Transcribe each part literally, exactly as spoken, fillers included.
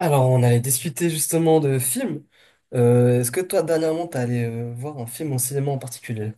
Alors, on allait discuter justement de films. Euh, est-ce que toi, dernièrement, t'es allé euh, voir un film en cinéma en particulier?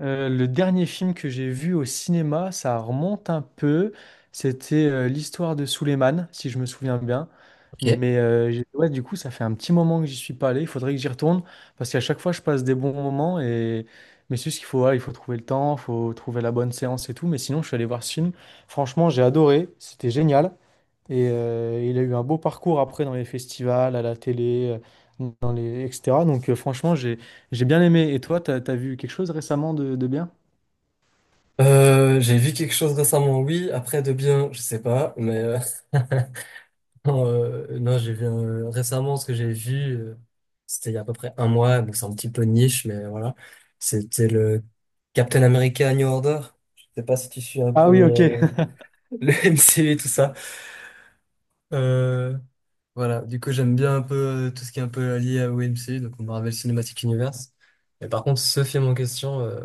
Euh, le dernier film que j'ai vu au cinéma, ça remonte un peu. C'était euh, l'histoire de Souleymane, si je me souviens bien. Ok. Mais euh, j'ai- ouais, du coup, ça fait un petit moment que j'y suis pas allé. Il faudrait que j'y retourne parce qu'à chaque fois, je passe des bons moments. Et... Mais c'est juste qu'il faut, voilà, il faut trouver le temps, il faut trouver la bonne séance et tout. Mais sinon, je suis allé voir ce film. Franchement, j'ai adoré. C'était génial. Et euh, il a eu un beau parcours après dans les festivals, à la télé, euh, dans les, et cetera. Donc euh, franchement, j'ai j'ai bien aimé. Et toi, t'as, t'as vu quelque chose récemment de, de bien? Euh, j'ai vu quelque chose récemment, oui. Après, de bien, je sais pas, mais euh, non, euh, non, j'ai vu euh, récemment ce que j'ai vu. euh, C'était il y a à peu près un mois, donc c'est un petit peu niche, mais voilà. C'était le Captain America New Order. Je sais pas si tu suis un Ah peu oui, ok, euh, le M C U et tout ça. Euh, voilà, du coup j'aime bien un peu euh, tout ce qui est un peu lié au M C U, donc au Marvel Cinematic Universe. Mais par contre, ce film en question, euh,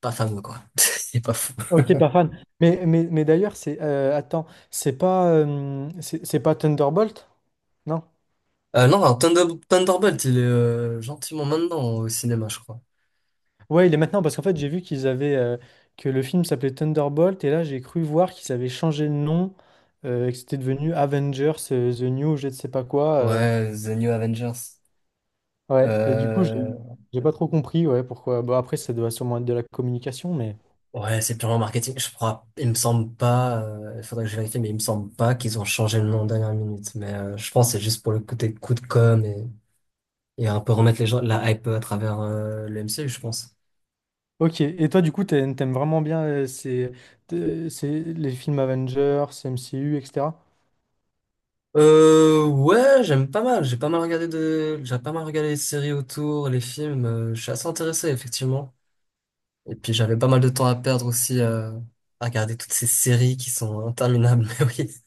pas fameux quoi. Il est pas fou. ok, pas fan. Mais, mais, mais d'ailleurs, c'est euh, attends, c'est pas euh, c'est c'est pas Thunderbolt? Non? Euh, non, alors, Thunder- Thunderbolt, il est euh, gentiment maintenant au cinéma, je crois. Ouais, il est maintenant parce qu'en fait, j'ai vu qu'ils avaient euh, que le film s'appelait Thunderbolt et là, j'ai cru voir qu'ils avaient changé de nom, euh, et que c'était devenu Avengers euh, The New, je ne sais pas quoi. euh. Ouais, The New Avengers. Ouais, et du coup, j'ai Euh, j'ai pas trop compris, ouais, pourquoi. Bah, après, ça doit sûrement être de la communication, mais. ouais, c'est purement marketing, je crois. Il me semble pas, euh, il faudrait que je vérifie, mais il me semble pas qu'ils ont changé le nom en dernière minute. Mais euh, je pense que c'est juste pour le côté coup de com et, et un peu remettre les gens, la hype à travers euh, le M C U, je pense. Ok, et toi, du coup, t'aimes t'aimes vraiment bien euh, ces, t'es- ces- les films Avengers, M C U, et cetera. Euh, ouais, j'aime pas mal. J'ai pas mal regardé de, j'ai pas mal regardé les séries autour, les films. euh, Je suis assez intéressé, effectivement. Et puis j'avais pas mal de temps à perdre aussi euh, à regarder toutes ces séries qui sont interminables. Mais oui.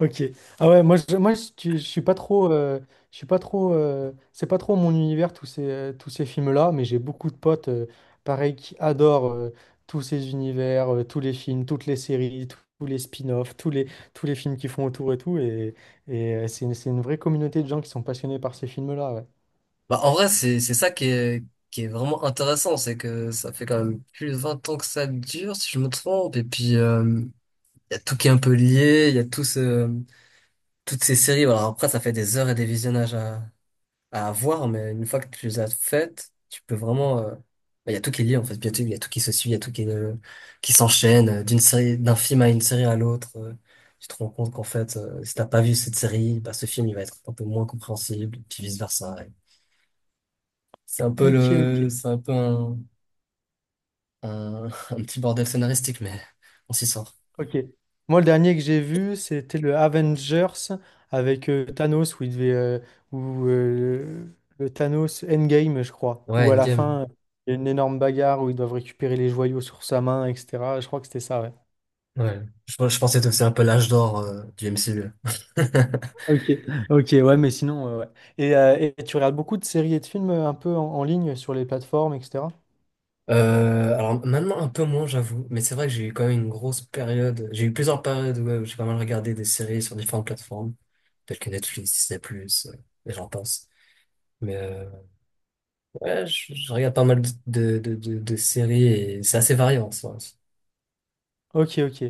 Ok. Ah ouais, moi, je, moi, je, tu- je suis pas trop, euh, je suis pas trop, euh, c'est pas trop mon univers tous ces, euh, tous ces films-là, mais j'ai beaucoup de potes, euh, pareil, qui adorent euh, tous ces univers, euh, tous les films, toutes les séries, tous tous les spin-offs, tous les, tous les films qui font autour et tout, et, et euh, c'est une, c'est une vraie communauté de gens qui sont passionnés par ces films-là, ouais. Bah en vrai, c'est c'est ça qui est qui est vraiment intéressant, c'est que ça fait quand même plus de vingt ans que ça dure, si je me trompe. Et puis euh, il y a tout qui est un peu lié. Il y a tous ce toutes ces séries. Voilà, après ça fait des heures et des visionnages à avoir, mais une fois que tu les as faites, tu peux vraiment. euh, bah, Il y a tout qui est lié en fait. Il y a tout, il y a tout qui se suit, il y a tout qui, est, euh, qui s'enchaîne euh, d'une série, d'un film à une série à l'autre. euh, Tu te rends compte qu'en fait, euh, si t'as pas vu cette série, bah, ce film il va être un peu moins compréhensible, puis vice versa. Ouais. C'est un peu Ok, le, ok. c'est un peu un, un, un petit bordel scénaristique, mais on s'y sort. Ok. Moi, le dernier que j'ai vu, c'était le Avengers avec euh, Thanos, où il devait, euh, où, euh, le Thanos Endgame, je crois, Ouais, où à la Endgame. fin, il y a une énorme bagarre où ils doivent récupérer les joyaux sur sa main, et cetera. Je crois que c'était ça, ouais. Ouais. Je, je pensais que c'était un peu l'âge d'or euh, du M C U. Ok, ok, ouais, mais sinon, euh, ouais. Et, euh, et tu regardes beaucoup de séries et de films euh, un peu en, en ligne sur les plateformes, et cetera. Euh, alors maintenant un peu moins j'avoue, mais c'est vrai que j'ai eu quand même une grosse période, j'ai eu plusieurs périodes ouais, où euh, j'ai pas mal regardé des séries sur différentes plateformes, telles que Netflix, Disney+, euh, et j'en passe. Mais euh, ouais, je, je regarde pas mal de, de, de, de séries et c'est assez varié en soi. Ok, ok.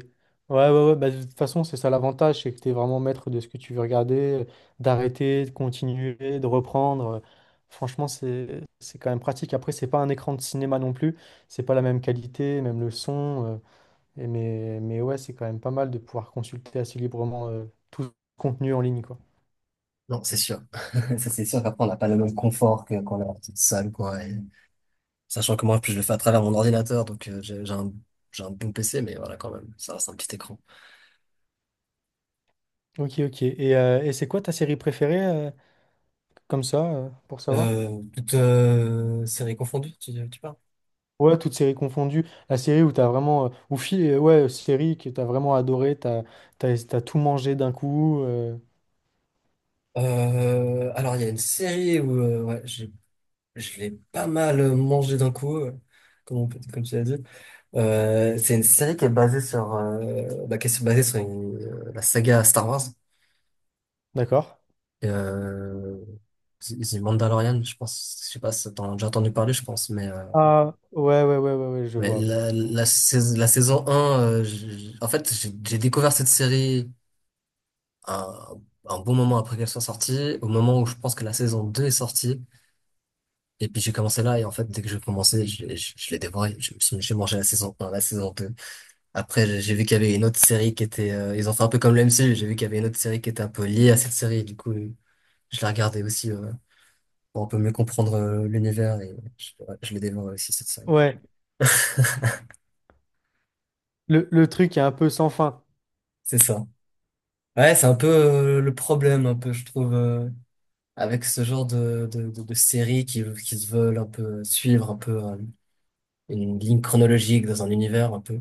Ouais, ouais, ouais. Bah, de toute façon, c'est ça l'avantage, c'est que tu es vraiment maître de ce que tu veux regarder, euh, d'arrêter, de continuer, de reprendre. Euh, Franchement, c'est c'est quand même pratique. Après, c'est pas un écran de cinéma non plus. C'est pas la même qualité, même le son. euh, Et mais, mais ouais, c'est quand même pas mal de pouvoir consulter assez librement euh, tout ce contenu en ligne, quoi. Non, c'est sûr. Ça, c'est sûr qu'après, on n'a pas le même confort que quand on est en petite salle, quoi. Et sachant que moi, en plus, je le fais à travers mon ordinateur, donc euh, j'ai j'ai un, j'ai un bon P C, mais voilà, quand même, ça reste un petit écran. Ok, ok. Et, euh, et c'est quoi ta série préférée, euh, comme ça, euh, pour savoir? Euh, toute euh, série confondue, tu, tu parles? Ouais, toutes séries confondues. La série où t'as vraiment. euh, ou fi- euh, ouais, série que t'as vraiment adoré, t'as, t'as, t'as tout mangé d'un coup. euh, Euh, alors, il y a une série où euh, ouais, j'ai- je l'ai pas mal mangé d'un coup, euh, comme, on peut- comme tu l'as dit. Euh, c'est une série qui est basée sur, euh, bah, qui est basée sur une- euh, la saga Star Wars. D'accord? Et, euh, The The Mandalorian, je pense, je sais pas si t'en as déjà entendu parler, je pense, mais, euh, Ah, ouais, ouais, ouais, ouais, ouais, je mais vois. Ouais. la, la, saison, la saison un, euh, j'ai- en fait, j'ai j'ai découvert cette série un, un bon moment après qu'elle soit sortie, au moment où je pense que la saison deux est sortie. Et puis j'ai commencé là et en fait dès que j'ai commencé je, je, je l'ai dévoré. Je me suis- J'ai mangé la saison un la saison deux. Après j'ai j'ai vu qu'il y avait une autre série qui était euh, ils ont fait un peu comme le M C U, j'ai vu qu'il y avait une autre série qui était un peu liée à cette série du coup je la regardais aussi euh, pour un peu mieux comprendre euh, l'univers et je, ouais, je l'ai dévoré aussi cette série. Ouais, Le, le truc est un peu sans fin. C'est ça. Ouais, c'est un peu euh, le problème un peu je trouve euh, avec ce genre de de, de, de séries qui qui se veulent un peu euh, suivre un peu euh, une ligne chronologique dans un univers un peu.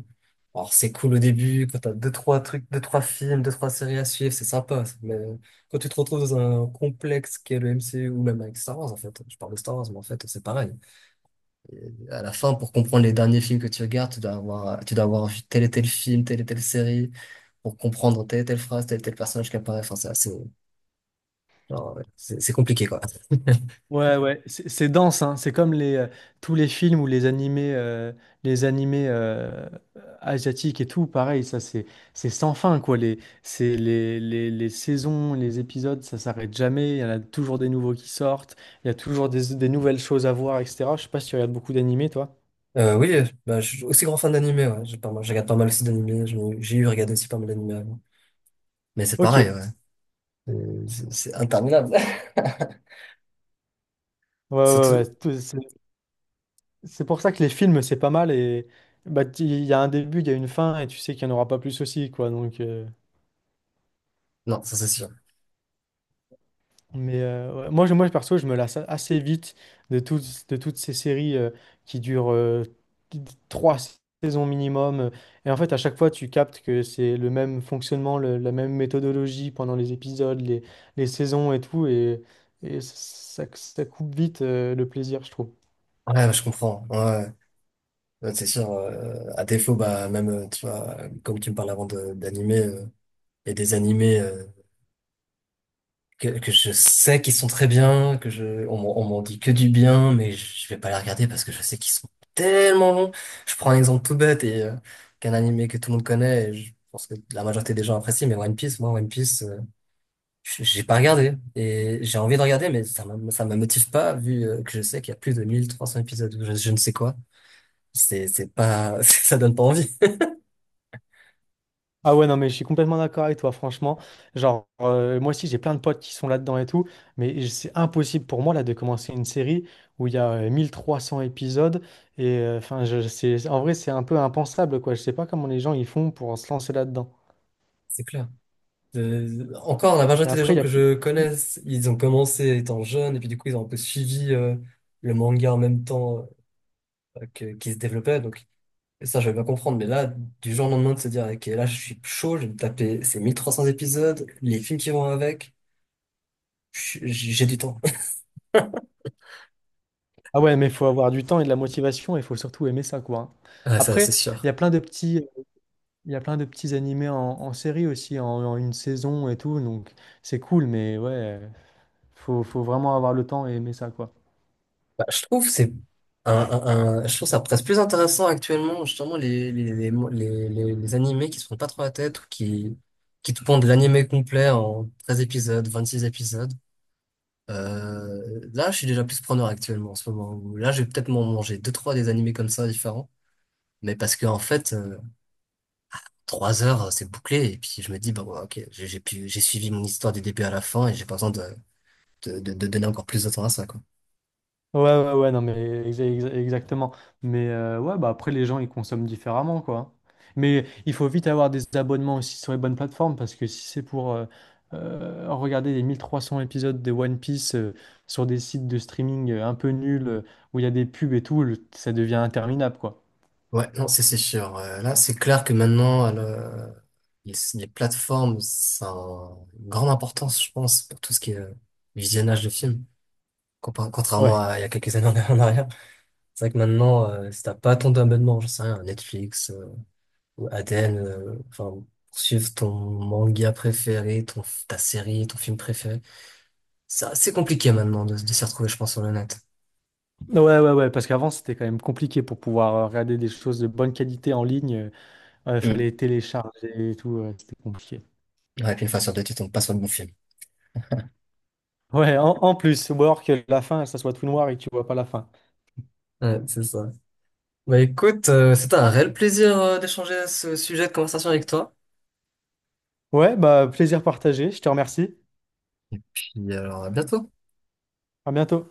Alors c'est cool au début, quand t'as deux, trois trucs, deux, trois films, deux, trois séries à suivre, c'est sympa. Ça. Mais quand tu te retrouves dans un complexe qui est le M C U ou même avec Star Wars, en fait, je parle de Star Wars, mais en fait c'est pareil. Et à la fin, pour comprendre les derniers films que tu regardes, tu dois avoir, tu dois avoir vu tel et tel film, telle et telle série, pour comprendre telle et telle phrase, tel et tel personnage qui apparaît. Enfin, c'est assez, genre, ouais, c'est c'est compliqué, quoi. Ouais, ouais, c'est c'est dense, hein. C'est comme les, euh, tous les films ou les animés, euh, les animés euh, asiatiques et tout, pareil, ça c'est c'est sans fin, quoi. Les, c'est les, les, les saisons, les épisodes, ça s'arrête jamais, il y en a toujours des nouveaux qui sortent, il y a toujours des, des nouvelles choses à voir, et cetera. Je sais pas si tu regardes beaucoup d'animés, toi. Euh, oui, bah, je suis aussi grand fan d'animé, ouais. J'ai pas mal- Je regarde pas mal aussi d'animé. J'ai j'ai eu regardé aussi pas mal d'animé. Mais c'est Ok, pareil, ouais, ouais. Euh, C'est c'est interminable. ouais, ouais. Surtout, Tout- C'est c'est pour ça que les films, c'est pas mal et bah, t- il y a un début, il y a une fin et tu sais qu'il n'y en aura pas plus aussi, quoi. Donc. euh, non, ça c'est sûr. Mais euh, ouais, moi, je- moi, perso, je me lasse assez vite de, toutes de toutes ces séries euh, qui durent euh, t- t- trois saisons minimum. Et en fait, à chaque fois, tu captes que c'est le même fonctionnement, le- la même méthodologie pendant les épisodes, les, les saisons et tout. Et, et ça, ça coupe vite euh, le plaisir, je trouve. Ouais, ouais, je comprends. Ouais, ouais, ouais, c'est sûr. Euh, à défaut, bah même, euh, tu vois, euh, comme tu me parles avant de- d'animer, euh, il y a des animés. euh, que, Que je sais qu'ils sont très bien, que je, on, m'en on m'en dit que du bien, mais je vais pas les regarder parce que je sais qu'ils sont tellement longs. Je prends un exemple tout bête et euh, qu'un animé que tout le monde connaît, et je pense que la majorité des gens apprécient, mais One Piece, moi, One Piece, euh, j- j'ai pas regardé. Et j'ai envie de regarder, mais ça me, ça me motive pas vu euh, que je sais qu'il y a plus de mille trois cents épisodes ou je, je ne sais quoi. C'est, c'est pas, ça donne pas envie, Ah ouais, non, mais je suis complètement d'accord avec toi, franchement. Genre, euh, moi aussi, j'ai plein de potes qui sont là-dedans et tout, mais c'est impossible pour moi, là, de commencer une série où il y a euh, mille trois cents épisodes. Et euh, enfin, je, c'est, en vrai, c'est un peu impensable, quoi. Je sais pas comment les gens ils font pour se lancer là-dedans. c'est clair. Euh, Encore, la Mais majorité des après, gens il y a... que je connaisse, ils ont commencé étant jeunes et puis du coup, ils ont un peu suivi euh, le manga en même temps euh, que, qui se développait. Donc, ça, je vais pas comprendre. Mais là, du jour au lendemain, de se dire, OK, là, je suis chaud, je vais me taper ces mille trois cents épisodes, les films qui vont avec, je- j'ai du temps. Ah ouais, mais il faut avoir du temps et de la motivation, et il faut surtout aimer ça, quoi. Hein. Ah, ça, c'est Après, il y sûr. a plein de petits... Il y a plein de petits animés en, en série aussi, en, en une saison et tout, donc c'est cool, mais ouais, faut, faut vraiment avoir le temps et aimer ça, quoi. Bah, je trouve que c'est un, un- un- je trouve ça presque plus intéressant actuellement justement les les les les, les, les animés qui se prennent pas trop la tête ou qui qui te pondent de l'animé complet en treize épisodes, vingt-six épisodes. Euh, là, je suis déjà plus preneur actuellement en ce moment. Où Là, je vais peut-être m'en manger deux trois des animés comme ça différents, mais parce que en fait euh, trois heures euh, c'est bouclé et puis je me dis bah ouais, ok j'ai j'ai pu j'ai suivi mon histoire du début à la fin et j'ai pas besoin de de, de- de donner encore plus de temps à ça, quoi. Ouais, ouais, ouais, non, mais exa- exa- exactement. Mais euh, ouais, bah après, les gens, ils consomment différemment, quoi. Mais il faut vite avoir des abonnements aussi sur les bonnes plateformes, parce que si c'est pour euh, euh, regarder les mille trois cents épisodes de One Piece euh, sur des sites de streaming euh, un peu nuls, euh, où il y a des pubs et tout, le- ça devient interminable, quoi. Ouais, non, c'est c'est sûr. Euh, là, c'est clair que maintenant, le- les, les plateformes, ça a une grande importance, je pense, pour tout ce qui est euh, visionnage de films. Compar- Contrairement Ouais, à il y a quelques années en en arrière. C'est vrai que maintenant, euh, si t'as pas ton abonnement, je sais rien, Netflix, euh, ou Aden euh, enfin, pour suivre ton manga préféré, ton, ta série, ton film préféré, c'est assez compliqué maintenant de, de s'y retrouver, je pense, sur le net. ouais, ouais, ouais, parce qu'avant, c'était quand même compliqué pour pouvoir euh, regarder des choses de bonne qualité en ligne. Il Mm. fallait télécharger et tout, ouais, c'était compliqué. Ouais, puis une fois sur deux, tu tombes pas sur le bon film. Ouais, en, en plus, ou alors que la fin, ça soit tout noir et que tu vois pas la fin. Ouais, c'est ça. Bah écoute, euh, c'était un réel plaisir euh, d'échanger ce sujet de conversation avec toi. Ouais, bah plaisir partagé, je te remercie. Puis alors, à bientôt. À bientôt.